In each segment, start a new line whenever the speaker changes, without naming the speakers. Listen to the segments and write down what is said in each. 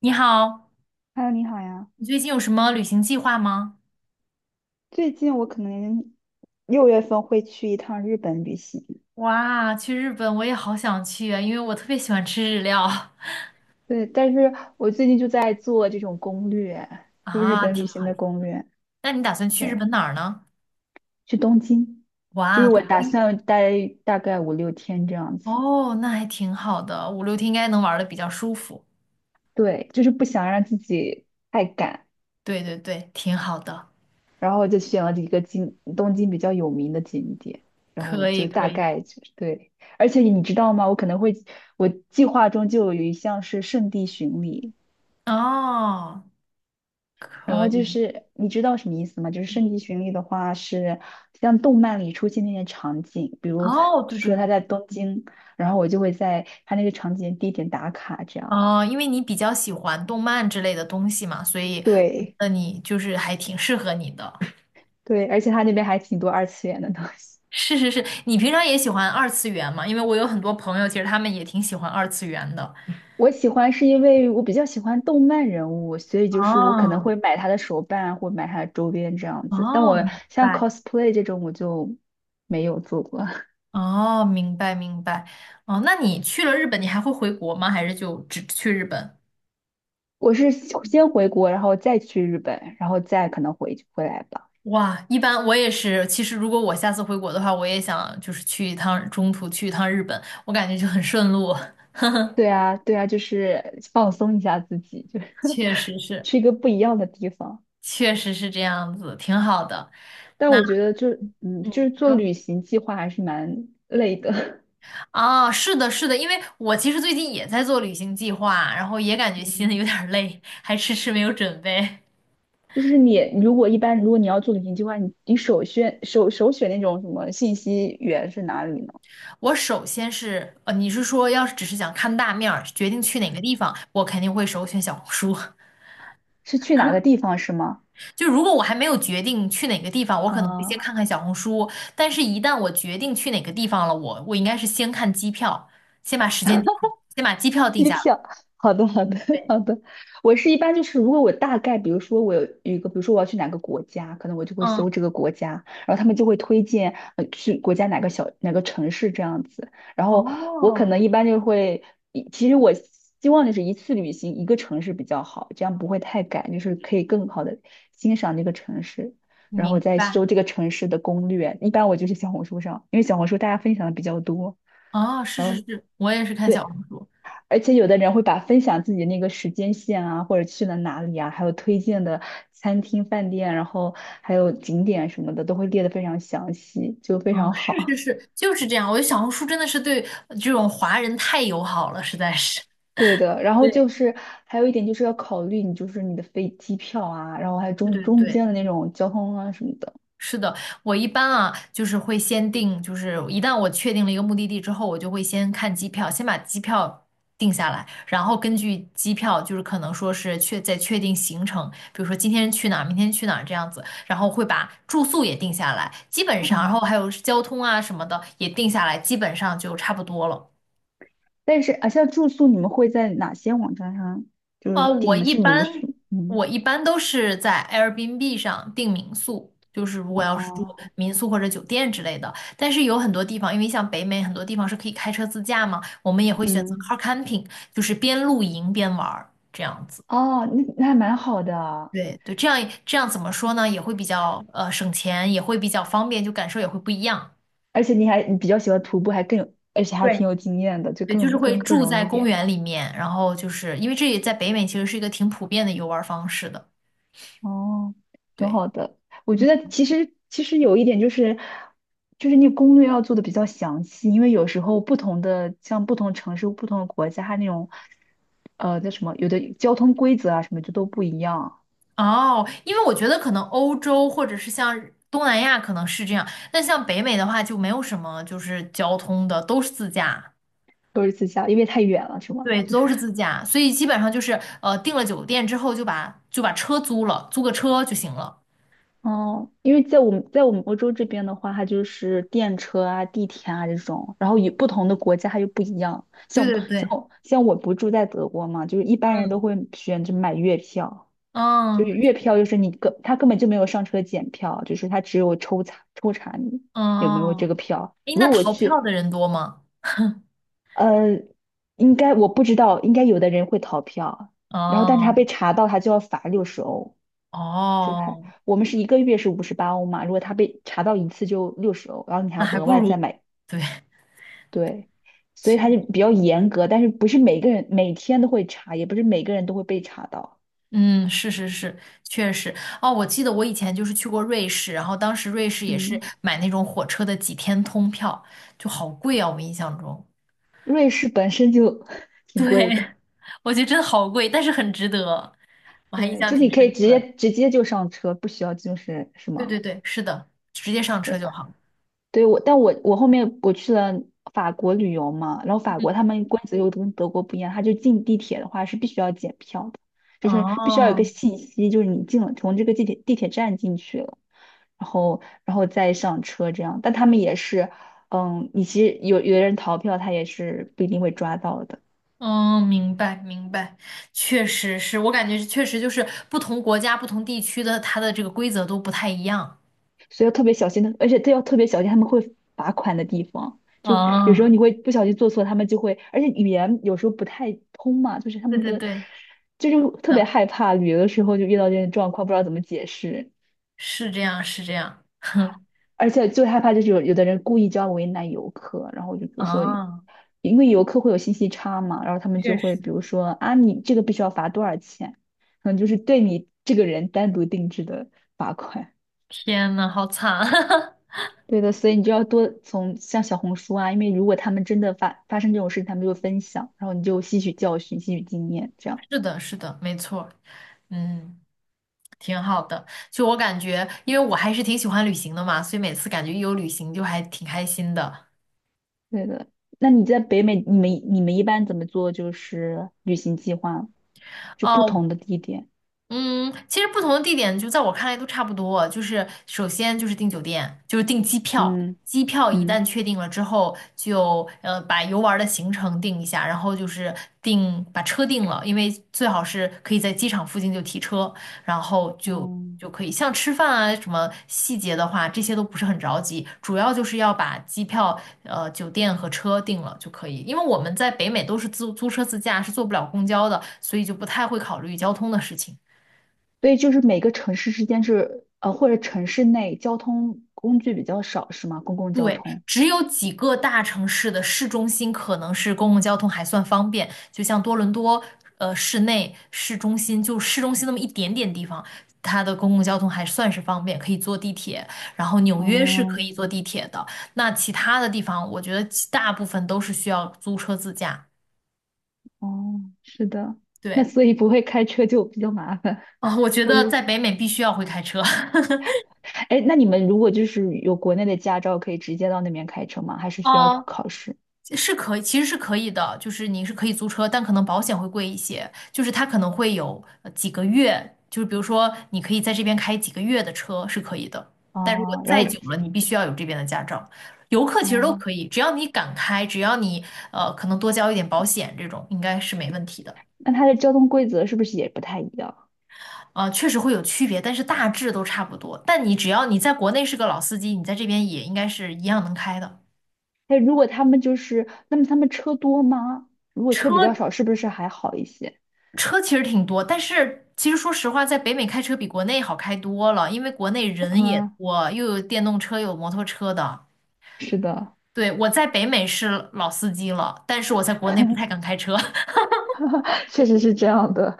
你好，
Hello，你好呀。
你最近有什么旅行计划吗？
最近我可能6月份会去一趟日本旅行。
哇，去日本我也好想去啊，因为我特别喜欢吃日料。
对，但是我最近就在做这种攻略，就日
啊，
本
挺
旅行
好
的
的。
攻略。
那你打算去日
对，
本哪儿呢？
去东京，就
哇，
是我
东
打
京。
算待大概5、6天这样子。
哦，那还挺好的，五六天应该能玩的比较舒服。
对，就是不想让自己太赶，
对对对，挺好的，
然后就选了几个景，东京比较有名的景点，然后
可以
就
可
大
以。
概就是对。而且你知道吗？我可能会，我计划中就有一项是圣地巡礼。
哦，
然
可
后就
以。
是你知道什么意思吗？就是圣地巡礼的话，是像动漫里出现那些场景，比如他
哦，对
说
对，
他在东京，然后我就会在他那个场景地点打卡，这样。
哦，因为你比较喜欢动漫之类的东西嘛，所以
对
那你就是还挺适合你的。
对，而且他那边还挺多二次元的东西。
是是是，你平常也喜欢二次元嘛？因为我有很多朋友，其实他们也挺喜欢二次元的。
我喜欢是因为我比较喜欢动漫人物，所以就是我可能
哦
会买他的手办或买他的周边这样子。但
哦，
我
明
像
白。
cosplay 这种我就没有做过，
哦，明白明白。哦，那你去了日本，你还会回国吗？还是就只去日本？
我是先回国，然后再去日本，然后再可能回来吧。
哇，一般我也是。其实如果我下次回国的话，我也想就是去一趟，中途去一趟日本，我感觉就很顺路。
对啊，对啊，就是放松一下自己，就是
确 实是，
去一个不一样的地方。
确实是这样子，挺好的。
但
那
我觉得就，
嗯
就是
你
做
说。
旅行计划还是蛮累的。
啊，是的，是的，因为我其实最近也在做旅行计划，然后也感 觉心
嗯，
里有点儿累，还迟迟没有准备。
就是你如果一般，如果你要做旅行计划，你首选那种什么信息源是哪里呢？
我首先是，你是说要是只是想看大面儿，决定去哪个地方，我肯定会首选小红书。
是去哪个地方是吗？
就如果我还没有决定去哪个地方，我可能会先
啊、
看看小红书，但是一旦我决定去哪个地方了，我应该是先看机票，先把时间定下，先把机票定
机
下来。
票，好的，好的，
对，
好的。我是一般就是，如果我大概，比如说我有一个，比如说我要去哪个国家，可能我就会
嗯，
搜这个国家，然后他们就会推荐去国家哪个城市这样子。然后我可
哦，
能一般就会，其实我希望就是一次旅行一个城市比较好，这样不会太赶，就是可以更好的欣赏这个城市，然
明
后再
白。
搜这个城市的攻略。一般我就是小红书上，因为小红书大家分享的比较多，
哦，是
然
是
后。
是，我也是看小
对。
红书。
而且有的人会把分享自己那个时间线啊，或者去了哪里啊，还有推荐的餐厅、饭店，然后还有景点什么的，都会列得非常详细，就非
嗯，
常
是是
好。
是，就是这样。我觉得小红书真的是对这种华人太友好了，实在是。
对的，然后
对，
就是还有一点就是要考虑你就是你的飞机票啊，然后还有
对
中
对
中
对，
间的那种交通啊什么的。
是的，我一般啊，就是会先定，就是一旦我确定了一个目的地之后，我就会先看机票，先把机票定下来，然后根据机票，就是可能说是确再确定行程，比如说今天去哪儿，明天去哪儿这样子，然后会把住宿也定下来，基本上，然后
嗯，
还有交通啊什么的也定下来，基本上就差不多了。
但是啊，像住宿你们会在哪些网站上就是
呃，我
订的
一
是民
般
宿？嗯，
我一般都是在 Airbnb 上订民宿，就是如果要是住
哦，
民宿或者酒店之类的。但是有很多地方，因为像北美很多地方是可以开车自驾嘛，我们也会选择
嗯，
car camping，就是边露营边玩儿这样子。
哦，那还蛮好的。
对对，这样这样怎么说呢？也会比较省钱，也会比较方便，就感受也会不一样。
而且你比较喜欢徒步，还更有，而且还
对，
挺有经验的，就
对，就是
更
会
更更
住
容易
在
一
公
点。
园里面，然后就是因为这也在北美其实是一个挺普遍的游玩方式的。
哦，挺
对。
好的。我觉得其实有一点就是，就是你攻略要做的比较详细，因为有时候不同的像不同城市、不同的国家，它那种叫什么，有的交通规则啊什么就都不一样，
哦，因为我觉得可能欧洲或者是像东南亚可能是这样，那像北美的话就没有什么就是交通的，都是自驾，
都是自驾，因为太远了，是吗？
对，
就是
都是自驾，所以基本上就是订了酒店之后就把车租了，租个车就行了。
哦，因为在我们欧洲这边的话，它就是电车啊、地铁啊这种，然后与不同的国家它又不一样。
对
像
对对，
像像我不住在德国嘛，就是一般人都会选择买月票，就
嗯，
是
嗯
月票就是他根本就没有上车检票，就是他只有抽查抽查你有没有这个
嗯，
票。
诶，
如
那
果我
逃票
去，
的人多吗？
呃，应该我不知道，应该有的人会逃票，然后但是他
哦，
被查到他就要罚六十欧。就还
哦，
我们是一个月是58欧嘛，如果他被查到一次就六十欧，然后你还
那
要
还
额
不
外再
如，
买，
对，
对，所以
确
他就比较严格，但是不是每个人每天都会查，也不是每个人都会被查到。
嗯，是是是，确实。哦，我记得我以前就是去过瑞士，然后当时瑞士也是
嗯，
买那种火车的几天通票，就好贵啊，我印象中。
瑞士本身就 挺贵的，
对，我觉得真的好贵，但是很值得，我还印
对，
象
就是你
挺
可以
深
直
刻的。
接直接就上车，不需要就是什
对
么
对对，是的，直接上车就好。
对我，但我后面我去了法国旅游嘛，然后法国他们规则又跟德国不一样，他就进地铁的话是必须要检票的，就是必须要有一
哦，
个信息，就是你进了从这个地铁站进去了，然后再上车这样，但他们也是，你其实有的人逃票，他也是不一定会抓到的。
嗯，明白明白，确实是我感觉确实就是不同国家、不同地区的它的这个规则都不太一样。
所以要特别小心的，而且都要特别小心他们会罚款的地方。就有时候
哦，
你会不小心做错，他们就会，而且语言有时候不太通嘛，就是他
对
们
对
的，
对，
就是
是
特别
的，
害怕旅游的时候就遇到这种状况，不知道怎么解释，
是这样是这样。
而且最害怕就是有的人故意就要为难游客，然后就比如说，
啊，
因为游客会有信息差嘛，然后他们就
确实，
会比如说啊，你这个必须要罚多少钱，可能就是对你这个人单独定制的罚款。
天呐，好惨！
对的，所以你就要多从像小红书啊，因为如果他们真的发生这种事情，他们就分享，然后你就吸取教训、吸取经验，这样。
是的，是的，没错嗯，挺好的。就我感觉，因为我还是挺喜欢旅行的嘛，所以每次感觉一有旅行就还挺开心的。
对的。那你在北美，你们一般怎么做？就是旅行计划，就不
哦，
同的地点。
嗯，其实不同的地点，就在我看来都差不多。就是首先就是订酒店，就是订机票。
嗯
机票一旦
嗯
确定了之后，就把游玩儿的行程定一下，然后就是定把车定了，因为最好是可以在机场附近就提车，然后就
嗯，
就可以。像吃饭啊什么细节的话，这些都不是很着急，主要就是要把机票、酒店和车定了就可以。因为我们在北美都是租车自驾，是坐不了公交的，所以就不太会考虑交通的事情。
所以就是每个城市之间是或者城市内交通工具比较少，是吗？公共交
对，
通。
只有几个大城市的市中心可能是公共交通还算方便，就像多伦多，市内、市中心，就市中心那么一点点地方，它的公共交通还算是方便，可以坐地铁。然后纽约是可
哦
以坐地铁的，那其他的地方，我觉得其大部分都是需要租车自驾。
哦，是的。那
对，
所以不会开车就比较麻烦，
啊，我觉
或者。
得在北美必须要会开车。
哎，那你们如果就是有国内的驾照，可以直接到那边开车吗？还是需要
哦，
考试？
是可以，其实是可以的，就是你是可以租车，但可能保险会贵一些，就是它可能会有几个月，就是比如说你可以在这边开几个月的车是可以的，但如果
啊？然
再
后
久了，你必须要有这边的驾照。游客其实都
哦，
可以，只要你敢开，只要你可能多交一点保险，这种应该是没问题的。
那它的交通规则是不是也不太一样？
啊，确实会有区别，但是大致都差不多。但你只要你在国内是个老司机，你在这边也应该是一样能开的。
哎，如果他们就是，那么他们车多吗？如果车比较
车
少，是不是还好一些？
车其实挺多，但是其实说实话，在北美开车比国内好开多了，因为国内 人也
啊，
多，又有电动车，又有摩托车的。
是的，
对，我在北美是老司机了，但是我在国内不太敢开车。
确实是这样的。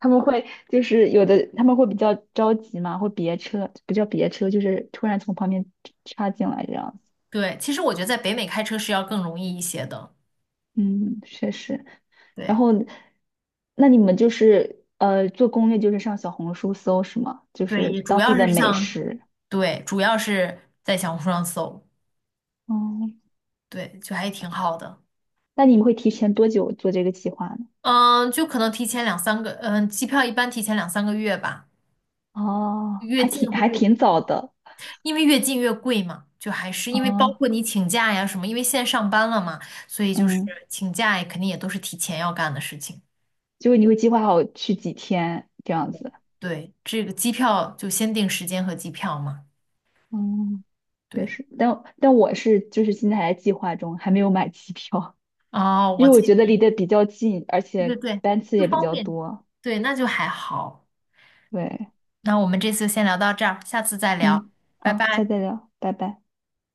他们会就是有的，他们会比较着急嘛，会别车，不叫别车，就是突然从旁边插进来这样。
对，其实我觉得在北美开车是要更容易一些的。
嗯，确实。然
对，
后，那你们就是做攻略，就是上小红书搜是吗？就
对，也
是
主
当
要
地的
是
美
像
食。
对，主要是在小红书上搜，
哦，
对，就还挺好的。
那你们会提前多久做这个计划呢？
嗯，就可能提前两三个，嗯，机票一般提前两三个月吧，
哦，
越
还
近
挺
会
还
越
挺
贵
早的。
因为越近越贵嘛，就还是因为包
哦，
括你请假呀什么，因为现在上班了嘛，所以就是
嗯，
请假也肯定也都是提前要干的事情。
就是你会计划好去几天这样子。
对，这个机票就先定时间和机票嘛。
嗯，也
对，
是。但我是就是现在还在计划中，还没有买机票，
哦，
因
我
为我
最
觉得离
近，
得比较近，而
对对
且
对，
班次
不
也比
方
较
便。
多。
对，那就还好。
对，
那我们这次先聊到这儿，下次再聊，
嗯，
拜
好，下次
拜。
再聊，拜拜。